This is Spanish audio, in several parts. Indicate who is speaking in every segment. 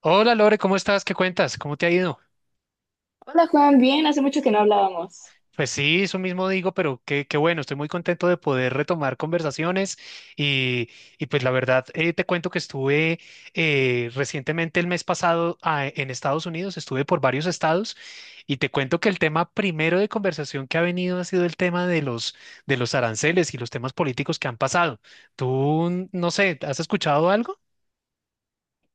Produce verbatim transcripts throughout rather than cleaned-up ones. Speaker 1: Hola Lore, ¿cómo estás? ¿Qué cuentas? ¿Cómo te ha ido?
Speaker 2: Hola Juan, bien, hace mucho que no hablábamos.
Speaker 1: Pues sí, eso mismo digo, pero qué, qué bueno, estoy muy contento de poder retomar conversaciones y, y pues la verdad eh, te cuento que estuve eh, recientemente el mes pasado ah, en Estados Unidos, estuve por varios estados y te cuento que el tema primero de conversación que ha venido ha sido el tema de los, de los aranceles y los temas políticos que han pasado. ¿Tú, no sé, has escuchado algo?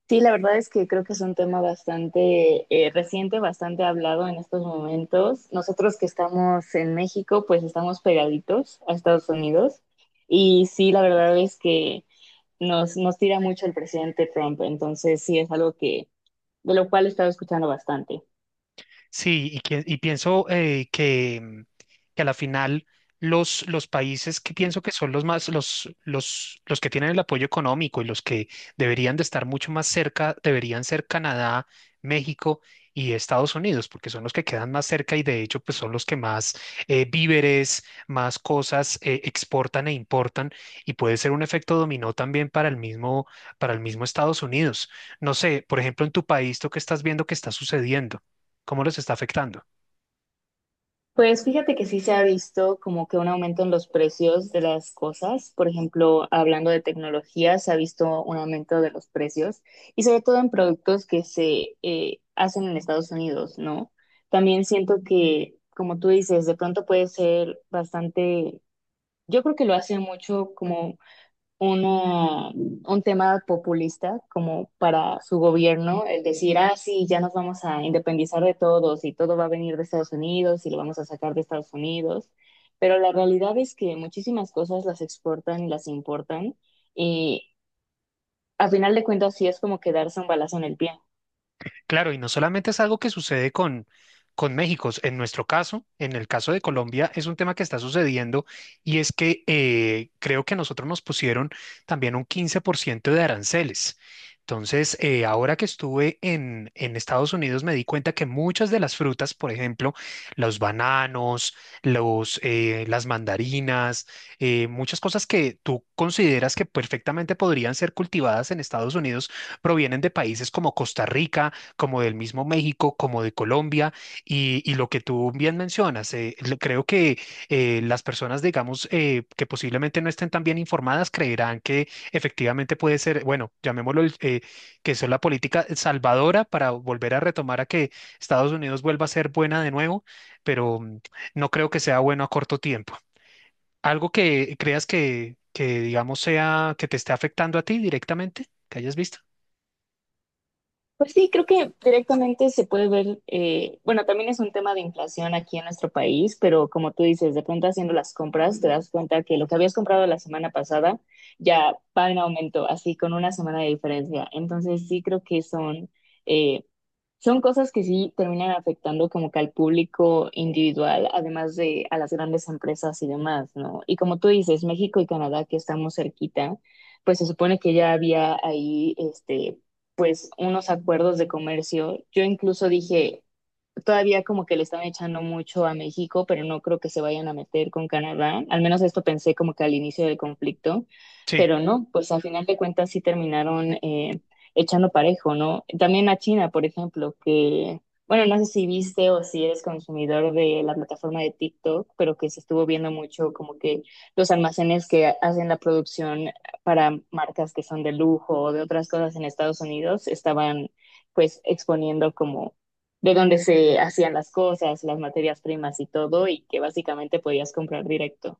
Speaker 2: Sí, la verdad es que creo que es un tema bastante eh, reciente, bastante hablado en estos momentos. Nosotros que estamos en México, pues estamos pegaditos a Estados Unidos. Y sí, la verdad es que nos, nos tira mucho el presidente Trump. Entonces sí, es algo que, de lo cual he estado escuchando bastante.
Speaker 1: Sí, y, que- y pienso eh, que, mm, que a la final los, los países que pienso que son los más, los, los, los que tienen el apoyo económico y los que deberían de estar mucho más cerca, deberían ser Canadá, México y Estados Unidos, porque son los que quedan más cerca y de hecho pues son los que más eh, víveres, más cosas eh, exportan e importan y puede ser un efecto dominó también para el mismo, para el mismo Estados Unidos. No sé, por ejemplo, en tu país, ¿tú qué estás viendo que está sucediendo, cómo los está afectando?
Speaker 2: Pues fíjate que sí se ha visto como que un aumento en los precios de las cosas. Por ejemplo, hablando de tecnología, se ha visto un aumento de los precios y sobre todo en productos que se eh, hacen en Estados Unidos, ¿no? También siento que, como tú dices, de pronto puede ser bastante, yo creo que lo hace mucho como una, un tema populista como para su gobierno, el decir, ah, sí, ya nos vamos a independizar de todos y todo va a venir de Estados Unidos y lo vamos a sacar de Estados Unidos. Pero la realidad es que muchísimas cosas las exportan y las importan y a final de cuentas sí es como quedarse un balazo en el pie.
Speaker 1: Claro, y no solamente es algo que sucede con, con México, en nuestro caso, en el caso de Colombia, es un tema que está sucediendo y es que eh, creo que a nosotros nos pusieron también un quince por ciento de aranceles. Entonces, eh, ahora que estuve en, en Estados Unidos, me di cuenta que muchas de las frutas, por ejemplo, los bananos, los, eh, las mandarinas, eh, muchas cosas que tú consideras que perfectamente podrían ser cultivadas en Estados Unidos, provienen de países como Costa Rica, como del mismo México, como de Colombia, y, y lo que tú bien mencionas, eh, lo- creo que eh, las personas, digamos, eh, que posiblemente no estén tan bien informadas, creerán que efectivamente puede ser, bueno, llamémoslo, el- eh, que eso es la política salvadora para volver a retomar a que Estados Unidos vuelva a ser buena de nuevo, pero mm, no creo que sea bueno a corto tiempo. ¿Algo que creas que, que digamos, sea que te esté afectando a ti directamente, que hayas visto?
Speaker 2: Pues sí, creo que directamente se puede ver, eh, bueno, también es un tema de inflación aquí en nuestro país, pero como tú dices, de pronto haciendo las compras te das cuenta que lo que habías comprado la semana pasada ya va en aumento, así con una semana de diferencia. Entonces sí creo que son, eh, son cosas que sí terminan afectando como que al público individual, además de a las grandes empresas y demás, ¿no? Y como tú dices, México y Canadá, que estamos cerquita, pues se supone que ya había ahí, este, pues unos acuerdos de comercio. Yo incluso dije, todavía como que le están echando mucho a México, pero no creo que se vayan a meter con Canadá. Al menos esto pensé como que al inicio del conflicto,
Speaker 1: Sí.
Speaker 2: pero no, pues al final de cuentas sí terminaron eh, echando parejo, ¿no? También a China, por ejemplo, que, bueno, no sé si viste o si eres consumidor de la plataforma de TikTok, pero que se estuvo viendo mucho como que los almacenes que hacen la producción para marcas que son de lujo o de otras cosas en Estados Unidos estaban pues exponiendo como de donde se hacían las cosas, las materias primas y todo, y que básicamente podías comprar directo.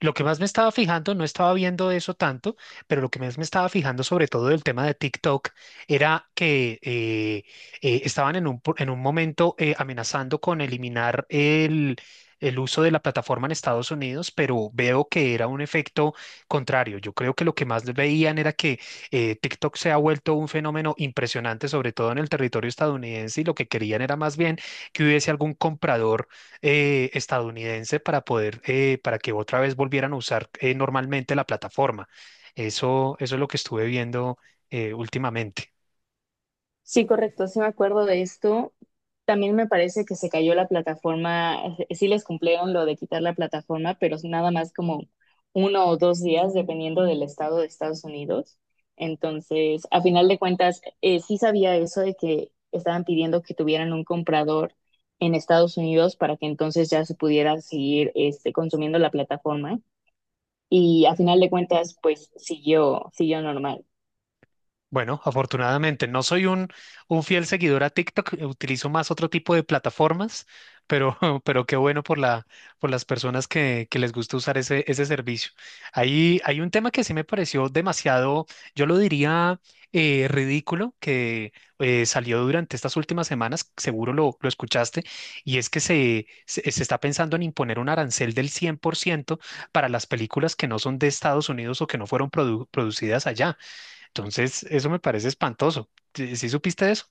Speaker 1: Lo que más me estaba fijando, no estaba viendo eso tanto, pero lo que más me estaba fijando sobre todo del tema de TikTok era que eh, eh, estaban en un, po- en un momento eh, amenazando con eliminar el, el uso de la plataforma en Estados Unidos, pero veo que era un efecto contrario. Yo creo que lo que más veían era que eh, TikTok se ha vuelto un fenómeno impresionante, sobre todo en el territorio estadounidense, y lo que querían era más bien que hubiese algún comprador eh, estadounidense para poder, eh, para que otra vez volvieran a usar eh, normalmente la plataforma. Eso, eso es lo que estuve viendo eh, últimamente.
Speaker 2: Sí, correcto, sí me acuerdo de esto. También me parece que se cayó la plataforma, eh, eh, sí les cumplieron lo de quitar la plataforma, pero es nada más como uno o dos días, dependiendo del estado de Estados Unidos. Entonces, a final de cuentas, eh, sí sabía eso de que estaban pidiendo que tuvieran un comprador en Estados Unidos para que entonces ya se pudiera seguir este, consumiendo la plataforma y a final de cuentas, pues siguió, siguió normal.
Speaker 1: Bueno, afortunadamente no soy un, un fiel seguidor a TikTok, eh, utilizo más otro tipo de plataformas, pero, pero qué bueno por la, por las personas que, que les gusta usar ese, ese servicio. Ahí hay un tema que sí me pareció demasiado, yo lo diría eh, ridículo, que eh, salió durante estas últimas semanas, seguro lo, lo escuchaste, y es que se, se, se está pensando en imponer un arancel del cien por ciento para las películas que no son de Estados Unidos o que no fueron produ- producidas allá. Entonces, eso me parece espantoso. ¿Sí, sí supiste eso?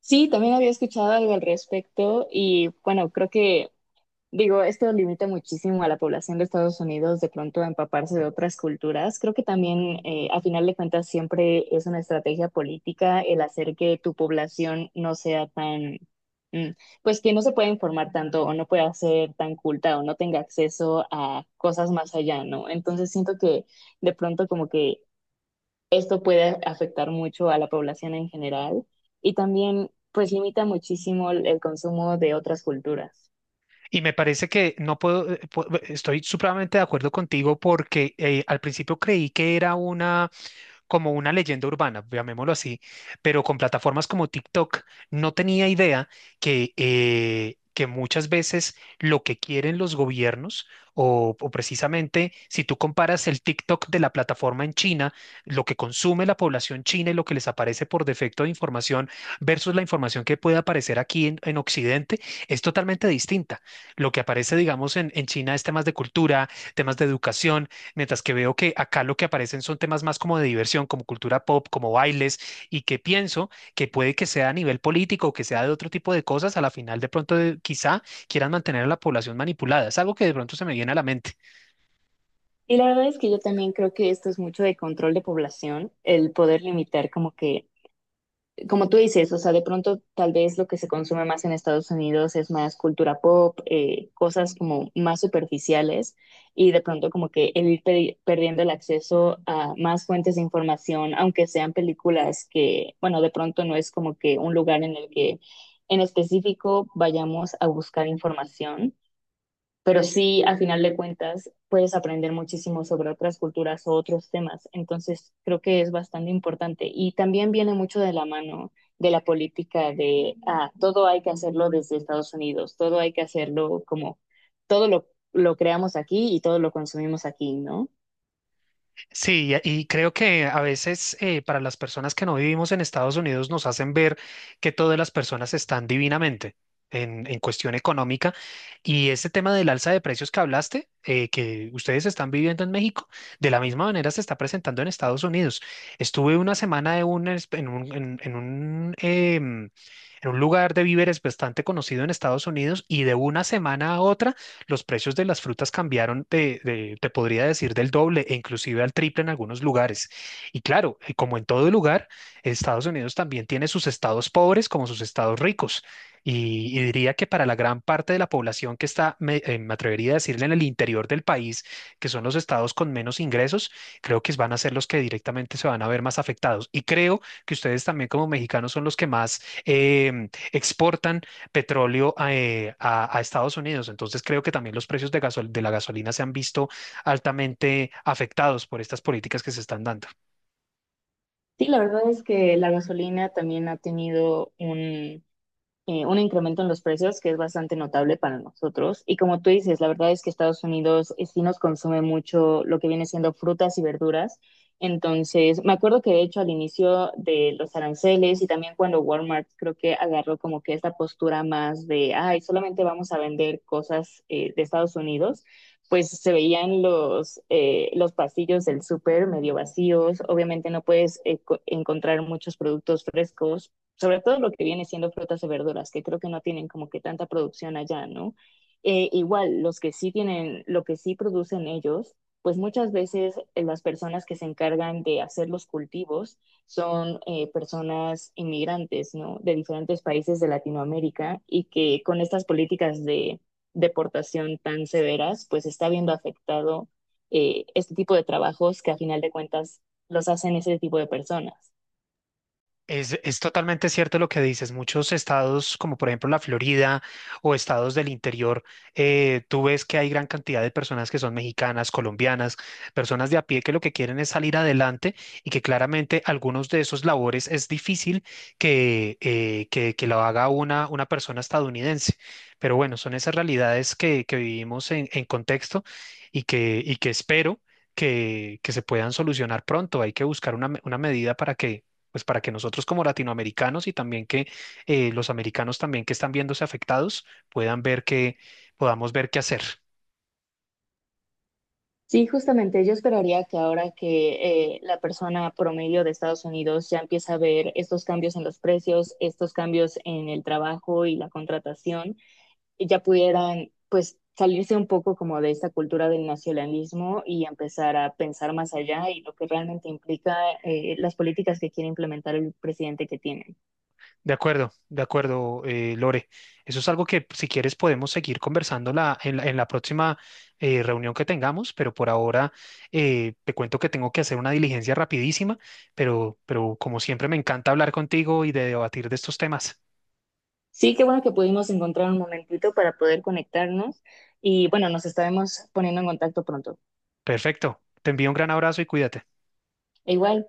Speaker 2: Sí, también había escuchado algo al respecto y bueno, creo que, digo, esto limita muchísimo a la población de Estados Unidos de pronto a empaparse de otras culturas. Creo que también, eh, a final de cuentas, siempre es una estrategia política el hacer que tu población no sea tan, mm, pues que no se pueda informar tanto o no pueda ser tan culta o no tenga acceso a cosas más allá, ¿no? Entonces siento que de pronto como que esto puede afectar mucho a la población en general y también pues limita muchísimo el, el consumo de otras culturas.
Speaker 1: Y me parece que no puedo, eh, pu- estoy supremamente de acuerdo contigo porque eh, al principio creí que era una... como una leyenda urbana, llamémoslo así, pero con plataformas como TikTok no tenía idea que, eh, que muchas veces lo que quieren los gobiernos o, o precisamente si tú comparas el TikTok de la plataforma en China, lo que consume la población china y lo que les aparece por defecto de información versus la información que puede aparecer aquí en, en Occidente es totalmente distinta. Lo que aparece, digamos, en, en China, es temas de cultura, temas de educación, mientras que veo que acá lo que aparecen son temas más como de diversión, como cultura pop, como bailes, y que pienso que puede que sea a nivel político o que sea de otro tipo de cosas, a la final de pronto eh, quizá quieran mantener a la población manipulada. Es algo que de pronto se me viene a la mente.
Speaker 2: Y la verdad es que yo también creo que esto es mucho de control de población, el poder limitar como que como tú dices, o sea, de pronto tal vez lo que se consume más en Estados Unidos es más cultura pop, eh, cosas como más superficiales y de pronto como que el ir pe- perdiendo el acceso a más fuentes de información, aunque sean películas que, bueno, de pronto no es como que un lugar en el que en específico vayamos a buscar información pero sí, al final de cuentas, puedes aprender muchísimo sobre otras culturas o otros temas. Entonces, creo que es bastante importante. Y también viene mucho de la mano de la política de, ah, todo hay que hacerlo desde Estados Unidos, todo hay que hacerlo como, todo lo, lo creamos aquí y todo lo consumimos aquí, ¿no?
Speaker 1: Sí, y y creo que a veces eh, para las personas que no vivimos en Estados Unidos nos hacen ver que todas las personas están divinamente en, en cuestión económica. Y ese tema del alza de precios que hablaste, eh, que ustedes están viviendo en México, de la misma manera se está presentando en Estados Unidos. Estuve una semana en un, es- en un, en- en un, em, en un lugar de víveres bastante conocido en Estados Unidos, y de una semana a otra los precios de las frutas cambiaron de, de- te podría decir, del doble e inclusive al triple en algunos lugares. Y claro, eh, como en todo lugar, Estados Unidos también tiene sus estados pobres como sus estados ricos. Y, y diría que para la gran parte de la población que está, me, eh, me atrevería a decirle, en el interior del país, que son los estados con menos ingresos, creo que van a ser los que directamente se van a ver más afectados. Y creo que ustedes también como mexicanos son los que más em, exportan petróleo a, eh, a, a, Estados Unidos. Entonces creo que también los precios de, gasol de la gasolina se han visto altamente afectados por estas políticas que se están dando.
Speaker 2: Sí, la verdad es que la gasolina también ha tenido un, eh, un incremento en los precios que es bastante notable para nosotros. Y como tú dices, la verdad es que Estados Unidos eh, sí nos consume mucho lo que viene siendo frutas y verduras. Entonces, me acuerdo que de hecho al inicio de los aranceles y también cuando Walmart creo que agarró como que esta postura más de, ay, solamente vamos a vender cosas eh, de Estados Unidos, pues se veían los, eh, los pasillos del súper medio vacíos. Obviamente no puedes eh, co- encontrar muchos productos frescos sobre todo lo que viene siendo frutas y verduras, que creo que no tienen como que tanta producción allá, ¿no? Eh, igual, los que sí tienen, lo que sí producen ellos, pues muchas veces eh, las personas que se encargan de hacer los cultivos son eh, personas inmigrantes, ¿no? De diferentes países de Latinoamérica y que con estas políticas de deportación tan severas, pues está viendo afectado eh, este tipo de trabajos que a final de cuentas los hacen ese tipo de personas.
Speaker 1: Es, es totalmente cierto lo que dices. Muchos estados, como por ejemplo la Florida o estados del interior, eh, tú ves que hay gran cantidad de personas que son mexicanas, colombianas, personas de a pie que lo que quieren es salir adelante, y que claramente algunos de esos labores es difícil que, eh, que, que lo haga una, una persona estadounidense. Pero bueno, son esas realidades que, que vivimos en, en contexto, y que, y que espero que, que se puedan solucionar pronto. Hay que buscar una, me- una medida para que pues para que nosotros como latinoamericanos, y también que eh, los americanos también que están viéndose afectados, puedan ver que podamos ver qué hacer.
Speaker 2: Sí, justamente yo esperaría que ahora que eh, la persona promedio de Estados Unidos ya empieza a ver estos cambios en los precios, estos cambios en el trabajo y la contratación, y ya pudieran pues salirse un poco como de esta cultura del nacionalismo y empezar a pensar más allá y lo que realmente implica eh, las políticas que quiere implementar el presidente que tienen.
Speaker 1: De acuerdo, de acuerdo, eh, Lore. Eso es algo que si quieres podemos seguir conversando la- en, la, en la próxima eh, reunión que tengamos, pero por ahora eh, te cuento que tengo que hacer una diligencia rapidísima, pero, pero como siempre me encanta hablar contigo y de debatir de estos temas.
Speaker 2: Sí, qué bueno que pudimos encontrar un momentito para poder conectarnos y bueno, nos estaremos poniendo en contacto pronto.
Speaker 1: Perfecto. Te envío un gran abrazo y cuídate.
Speaker 2: E igual.